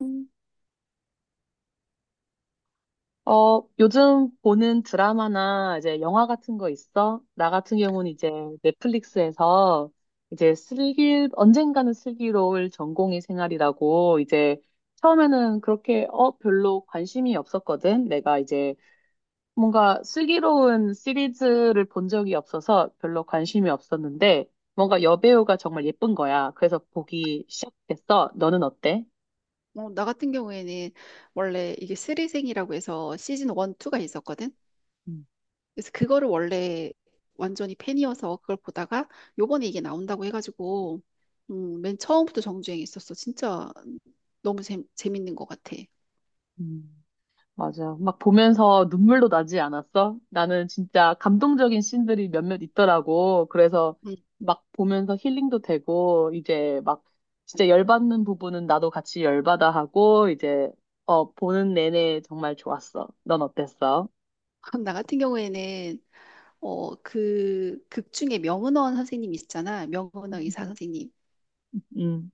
음. 어, 요즘 보는 드라마나 이제 영화 같은 거 있어? 나 같은 경우는 이제 넷플릭스에서 이제 언젠가는 슬기로울 전공의 생활이라고 이제 처음에는 그렇게 별로 관심이 없었거든. 내가 이제 뭔가 슬기로운 시리즈를 본 적이 없어서 별로 관심이 없었는데 뭔가 여배우가 정말 예쁜 거야. 그래서 보기 시작했어. 너는 어때? 나 같은 경우에는 원래 이게 쓰리생이라고 해서 시즌 1, 2가 있었거든. 음. 그래서 그거를 원래 완전히 팬이어서 그걸 보다가 요번에 이게 나온다고 해가지고 맨 처음부터 정주행했었어. 진짜 너무 재밌는 것 같아. 음. 맞아. 막 보면서 눈물도 나지 않았어? 나는 진짜 감동적인 씬들이 몇몇 있더라고. 그래서 음. 막 보면서 힐링도 되고, 이제 막 진짜 열받는 부분은 나도 같이 열받아 하고, 보는 내내 정말 좋았어. 넌 어땠어? 나 같은 경우에는 그 극 중에 명은원 선생님 있잖아. 명은원 의사 선생님. 음.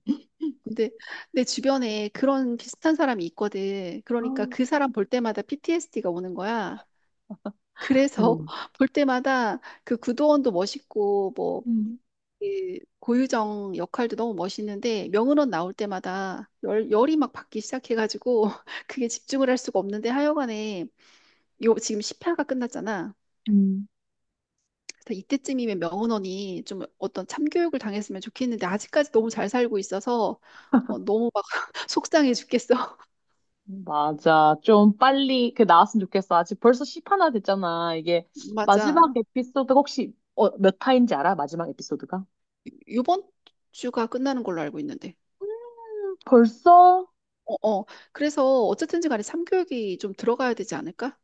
근데 내 주변에 그런 비슷한 사람이 있거든. 그러니까 음. 그 사람 볼 때마다 PTSD가 오는 거야. 그래서 음, 볼 때마다 그 구도원도 멋있고 뭐 음. 이 고유정 역할도 너무 멋있는데 명은원 나올 때마다 열이 막 받기 시작해가지고 그게 집중을 할 수가 없는데 하여간에 요 지금 10회가 끝났잖아. 음. 그래서 이때쯤이면 명은원이 좀 어떤 참교육을 당했으면 좋겠는데 아직까지 너무 잘 살고 있어서 너무 막 속상해 죽겠어. 맞아. 좀 빨리 그 나왔으면 좋겠어. 아직 벌써 10화나 됐잖아. 이게 마지막 맞아. 에피소드가 혹시 몇 화인지 알아? 마지막 에피소드가? 이번 주가 끝나는 걸로 알고 있는데. 벌써? 어, 어. 그래서 어쨌든지 간에 삼교육이 좀 들어가야 되지 않을까?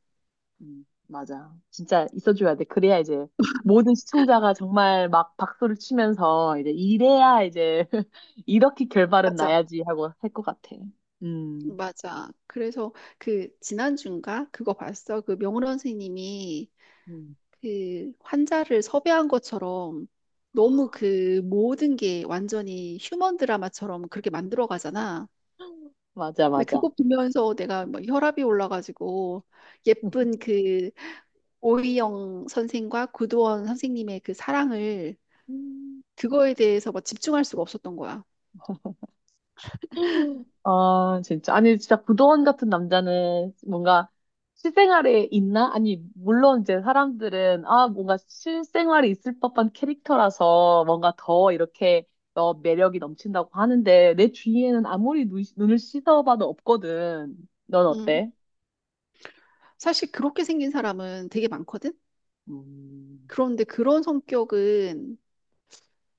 맞아. 진짜 있어줘야 돼. 그래야 이제 모든 시청자가 정말 막 박수를 치면서 이제 이래야 이제 이렇게 결말은 맞아. 나야지 하고 할 것 같아. 음, 맞아. 그래서 그 지난주인가 그거 봤어. 그 명훈 선생님이 음. 그 환자를 섭외한 것처럼 너무 그 모든 게 완전히 휴먼 드라마처럼 그렇게 만들어 가잖아. 맞아, 근데 맞아. 그거 보면서 내가 막 혈압이 올라가지고 예쁜 그 오이영 선생과 구도원 선생님의 그 사랑을 그거에 대해서 막 집중할 수가 없었던 거야. 아, 진짜. 아니, 진짜 구도원 같은 남자는 뭔가 실생활에 있나? 아니, 물론 이제 사람들은, 뭔가 실생활에 있을 법한 캐릭터라서 뭔가 더 이렇게 매력이 넘친다고 하는데, 내 주위에는 아무리 눈을 씻어봐도 없거든. 넌 응. 어때? 사실 그렇게 생긴 사람은 되게 많거든? 음, 그런데 그런 성격은,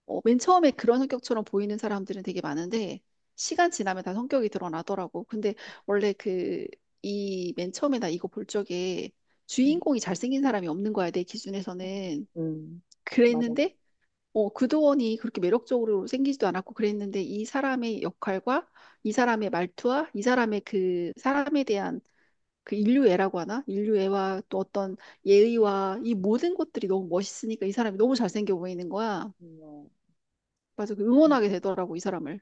맨 처음에 그런 성격처럼 보이는 사람들은 되게 많은데, 시간 지나면 다 성격이 드러나더라고. 근데 원래 그, 이 맨 처음에 나 이거 볼 적에 주인공이 잘생긴 사람이 없는 거야, 내 기준에서는. 음, 맞아. 그랬는데, 구도원이 그렇게 매력적으로 생기지도 않았고 그랬는데, 이 사람의 역할과 이 사람의 말투와 이 사람의 그 사람에 대한 그 인류애라고 하나? 인류애와 또 어떤 예의와 이 모든 것들이 너무 멋있으니까 이 사람이 너무 잘생겨 보이는 거야. 뭐, 맞아. 그 응원하게 되더라고, 이 사람을.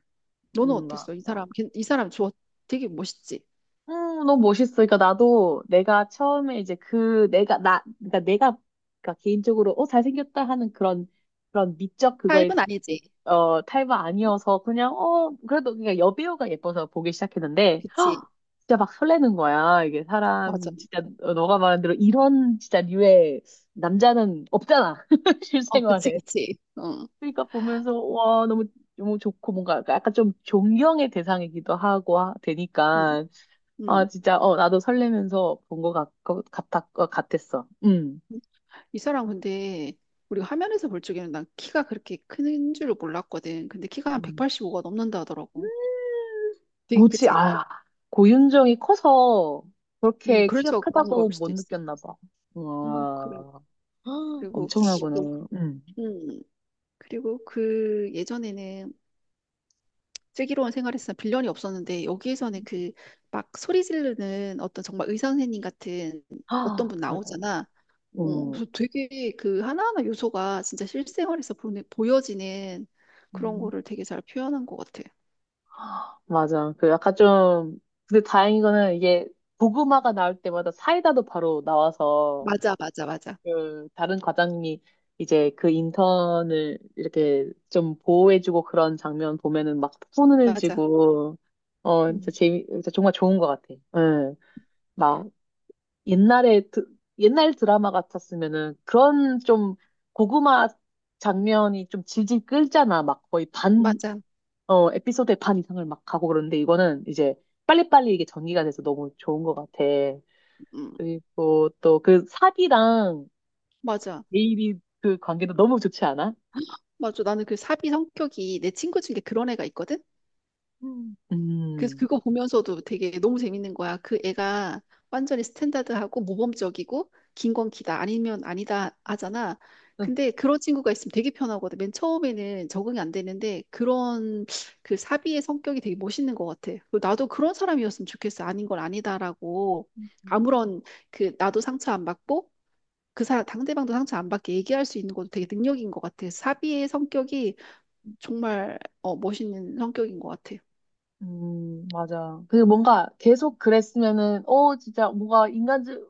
너는 어땠어? 이 맞아. 사람, 이 사람 좋아. 되게 멋있지? 너무 멋있어. 그러니까 나도 내가 처음에 이제 그 내가 나 그러니까 내가 그러니까 개인적으로 잘생겼다 하는 그런 그런 미적 그거에 타입은 아니지. 탈바 아니어서 그냥 그래도 그냥 여배우가 예뻐서 보기 시작했는데 그치. 진짜 막 설레는 거야. 이게 맞아. 사람 진짜 너가 말한 대로 이런 진짜 류의 남자는 없잖아. 어, 그치, 실생활에. 그치. 어, 그러니까 보면서 와 너무 너무 좋고 뭔가 약간 좀 존경의 대상이기도 하고 음, 되니까 아, 음. 진짜, 나도 설레면서 본 것 같았어. 이 사람 근데 우리가 화면에서 볼 적에는 난 키가 그렇게 큰 줄을 몰랐거든. 근데 키가 한 음. 185가 넘는다 하더라고. 되게 뭐지? 크지? 아, 고윤정이 커서 그렇게 키가 그래서 그런 걸 크다고 수도 못 있어. 느꼈나 봐. 그래. 와, 그리고 엄청나구나. 요- 음. 음, 그리고 그 예전에는 슬기로운 생활에서는 빌런이 없었는데 여기에서는 그 막 소리 지르는 어떤 정말 의사 선생님 같은 어떤 아, 분 맞아. 나오잖아. 어, 음, 그래서 되게 그 하나하나 요소가 진짜 실생활에서 보는, 보여지는 그런 음. 거를 되게 잘 표현한 것 같아. 맞아. 근데 다행인 거는 이게 고구마가 나올 때마다 사이다도 바로 나와서 맞아, 맞아, 맞아, 그 다른 과장님이 이제 그 인턴을 이렇게 좀 보호해주고 그런 장면 보면은 막 손을 맞아, 쥐고 음, 진짜 정말 좋은 것 같아. 응. 막 옛날에 드, 옛날 드라마 같았으면은 그런 좀 고구마 장면이 좀 질질 끌잖아. 막 거의 반 맞아, 에피소드의 반 이상을 막 가고 그러는데 이거는 이제 빨리빨리 이게 전기가 돼서 너무 좋은 것 같아. 음, 그리고 또 그 삽이랑 맞아, 내일이 그 관계도 너무 좋지 않아? 맞아. 나는 그 사비 성격이 내 친구 중에 그런 애가 있거든. 음. 그래서 그거 보면서도 되게 너무 재밌는 거야. 그 애가 완전히 스탠다드하고 모범적이고 긴 건 기다 아니면 아니다 하잖아. 근데 그런 친구가 있으면 되게 편하거든. 맨 처음에는 적응이 안 되는데 그런 그 사비의 성격이 되게 멋있는 것 같아. 그리고 나도 그런 사람이었으면 좋겠어. 아닌 걸 아니다라고 음, 아무런 그 나도 상처 안 받고 그 상대방도 상처 안 받게 얘기할 수 있는 것도 되게 능력인 것 같아. 사비의 성격이 정말 멋있는 성격인 것 같아. 맞아. 그리고 뭔가 계속 그랬으면은, 진짜 뭔가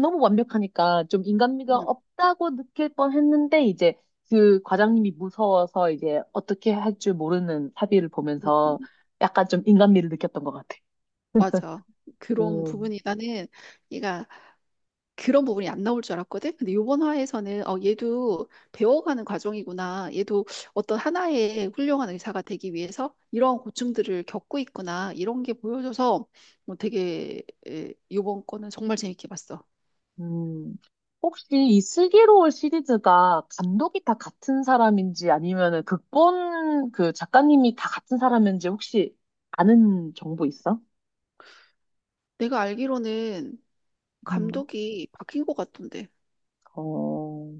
너무 완벽하니까 좀 인간미가 응, 없다고 느낄 뻔 했는데, 이제 그 과장님이 무서워서 이제 어떻게 할 줄 모르는 사비를 응. 보면서 약간 좀 인간미를 느꼈던 것 같아. 맞아. 그런 부분이 나는 얘가 그런 부분이 안 나올 줄 알았거든. 근데 이번 화에서는 어 얘도 배워가는 과정이구나. 얘도 어떤 하나의 훌륭한 의사가 되기 위해서 이러한 고충들을 겪고 있구나. 이런 게 보여줘서 뭐 되게 이번 거는 정말 재밌게 봤어. 음, 혹시 이 슬기로울 시리즈가 감독이 다 같은 사람인지 아니면은 극본 그 작가님이 다 같은 사람인지 혹시 아는 정보 있어? 내가 알기로는 음, 감독이 바뀐 것 같던데. 어,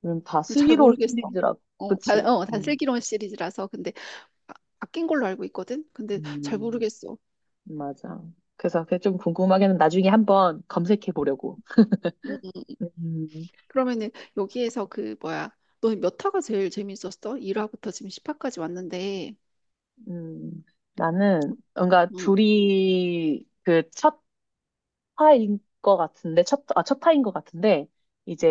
그럼 다 잘 슬기로울 모르겠어. 시리즈라고. 어, 다, 그치? 어, 음, 단슬기론 시리즈라서 근데 바뀐 걸로 알고 있거든. 근데 잘 음, 모르겠어. 맞아. 그래서 그게 좀 궁금하게는 나중에 한번 검색해 보려고. 어, 음, 그러면은 여기에서 그 뭐야? 너 몇 화가 제일 재밌었어? 1화부터 지금 10화까지 왔는데. 음, 나는 뭔가 응, 둘이 그첫 화인 것 같은데, 첫 화인 것 같은데,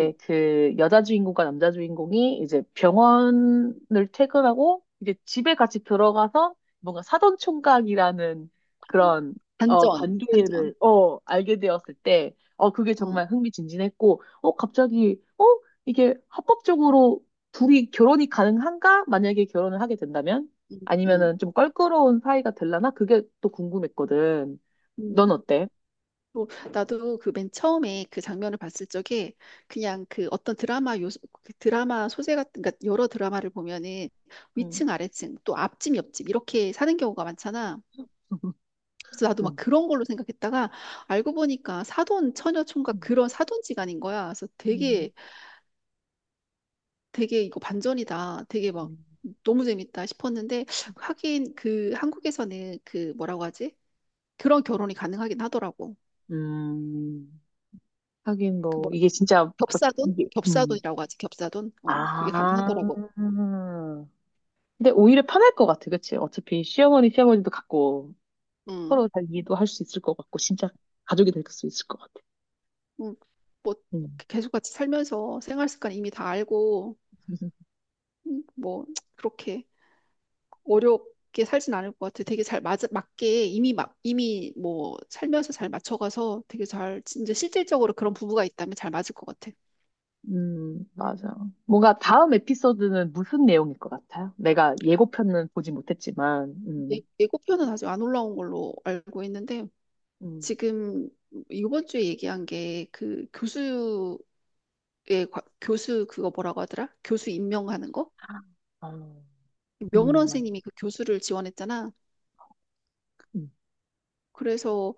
응. 그 여자 주인공과 남자 주인공이 이제 병원을 퇴근하고, 이제 집에 같이 들어가서 뭔가 사돈 총각이라는 그런, 반전, 반전. 관계를, 알게 되었을 때, 그게 응, 정말 흥미진진했고, 이게 합법적으로 둘이 결혼이 가능한가? 만약에 결혼을 하게 된다면? 응, 응. 아니면은 좀 껄끄러운 사이가 될라나? 그게 또 궁금했거든. 넌 응. 어때? 또 나도 그 맨 처음에 그 장면을 봤을 적에 그냥 그 어떤 드라마 요소, 그 드라마 소재 같은, 그러니까 여러 드라마를 보면은 음. 위층, 아래층, 또 앞집, 옆집 이렇게 사는 경우가 많잖아. 그래서 나도 막 음, 그런 걸로 생각했다가 알고 보니까 사돈, 처녀 총각 그런 사돈지간인 거야. 그래서 음, 되게 이거 반전이다. 되게 막 너무 재밌다 싶었는데 하긴 그 한국에서는 그 뭐라고 하지? 그런 결혼이 가능하긴 하더라고. 음. 하긴 그 뭐 뭐 이게 진짜 막 겹사돈? 이게 겹사돈이라고 하지. 겹사돈? 어, 그게 가능하더라고. 아. 근데 오히려 편할 것 같아, 그치? 어차피 시어머니, 시아버지도 같고 응. 서로 잘 이해도 할 수 있을 것 같고 진짜 가족이 될 수 있을 것 같아. 응. 뭐 음. 계속 같이 살면서 생활 습관 이미 다 알고 뭐 그렇게 어렵게 살진 않을 것 같아. 되게 맞게 이미 막 이미 뭐 살면서 잘 맞춰가서 되게 잘 진짜 실질적으로 그런 부부가 있다면 잘 맞을 것 같아. 맞아. 뭔가 다음 에피소드는 무슨 내용일 것 같아요? 내가 예고편은 보지 못했지만, 예고편은 아직 안 올라온 걸로 알고 있는데 음, 지금 이번 주에 얘기한 게 그 교수의 교수 그거 뭐라고 하더라? 교수 임명하는 거? 아, 명훈 음, 맞- 선생님이 그 교수를 지원했잖아. 음. 그래서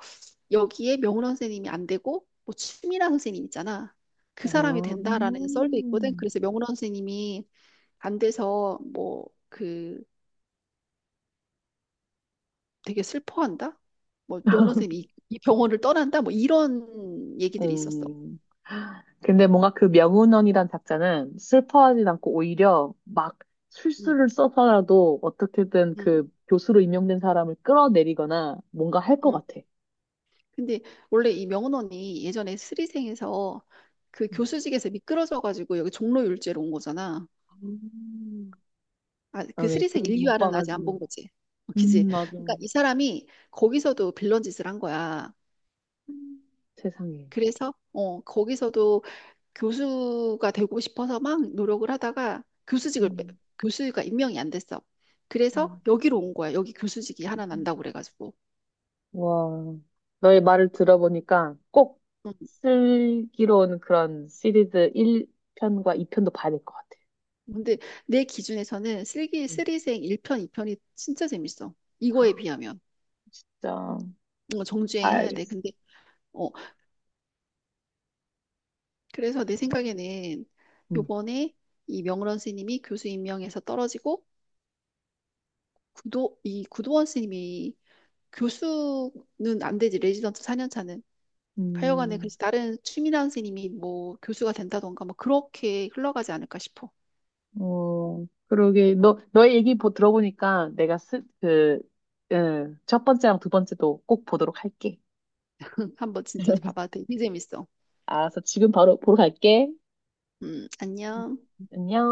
여기에 명훈 선생님이 안 되고 뭐 추미란 선생님 있잖아. 그 아, 사람이 된다라는 썰도 있거든. 음. 그래서 명훈 선생님이 안 돼서 뭐 그 되게 슬퍼한다. 뭐 명훈 선생님이 이 병원을 떠난다. 뭐 이런 얘기들이 있었어. 음. 근데 뭔가 그 명운원이란 작자는 슬퍼하진 않고 오히려 막 음, 술수를 써서라도 어떻게든 음. 그 교수로 임명된 사람을 끌어내리거나 뭔가 할 것 음, 같아. 근데 원래 이 명원원이 예전에 스리생에서 그 음. 교수직에서 미끄러져가지고 여기 종로 율제로 온 거잖아. 음. 아, 아, 그 네, 스리생 그런 못 1유알은 아직 안 본 봐가지고. 거지. 어, 그지? 맞아. 그러니까 이 사람이 거기서도 빌런 짓을 한 거야. 음. 세상에. 그래서 어, 거기서도 교수가 되고 싶어서 막 노력을 하다가 음. 교수가 임명이 안 됐어. 그래서 음. 여기로 온 거야. 여기 교수직이 하나 난다고 그래가지고. 와, 너의 말을 들어보니까 꼭 어, 슬기로운 그런 시리즈 1편과 2편도 봐야 될 것 같아. 근데 내 기준에서는 슬기 음. 슬리생 1편, 2편이 진짜 재밌어. 이거에 비하면. 진짜. 어, 정주행 해야 돼. 알겠어. 근데 어, 그래서 내 생각에는 음. 요번에 이 명런 스님이 교수 임명에서 떨어지고 구도 이 구도원 스님이 교수는 안 되지. 레지던트 4년 차는. 하여간에 음, 그래서 다른 추미란 스님이 뭐 교수가 된다던가 뭐 그렇게 흘러가지 않을까 싶어. 어, 그러게. 너의 얘기 들어보니까 응, 첫 번째랑 두 번째도 꼭 보도록 할게. 응, 한번 진짜 봐봐. 되게 재밌어. 알았어. 지금 바로 보러 갈게. 응. 안녕. 안녕.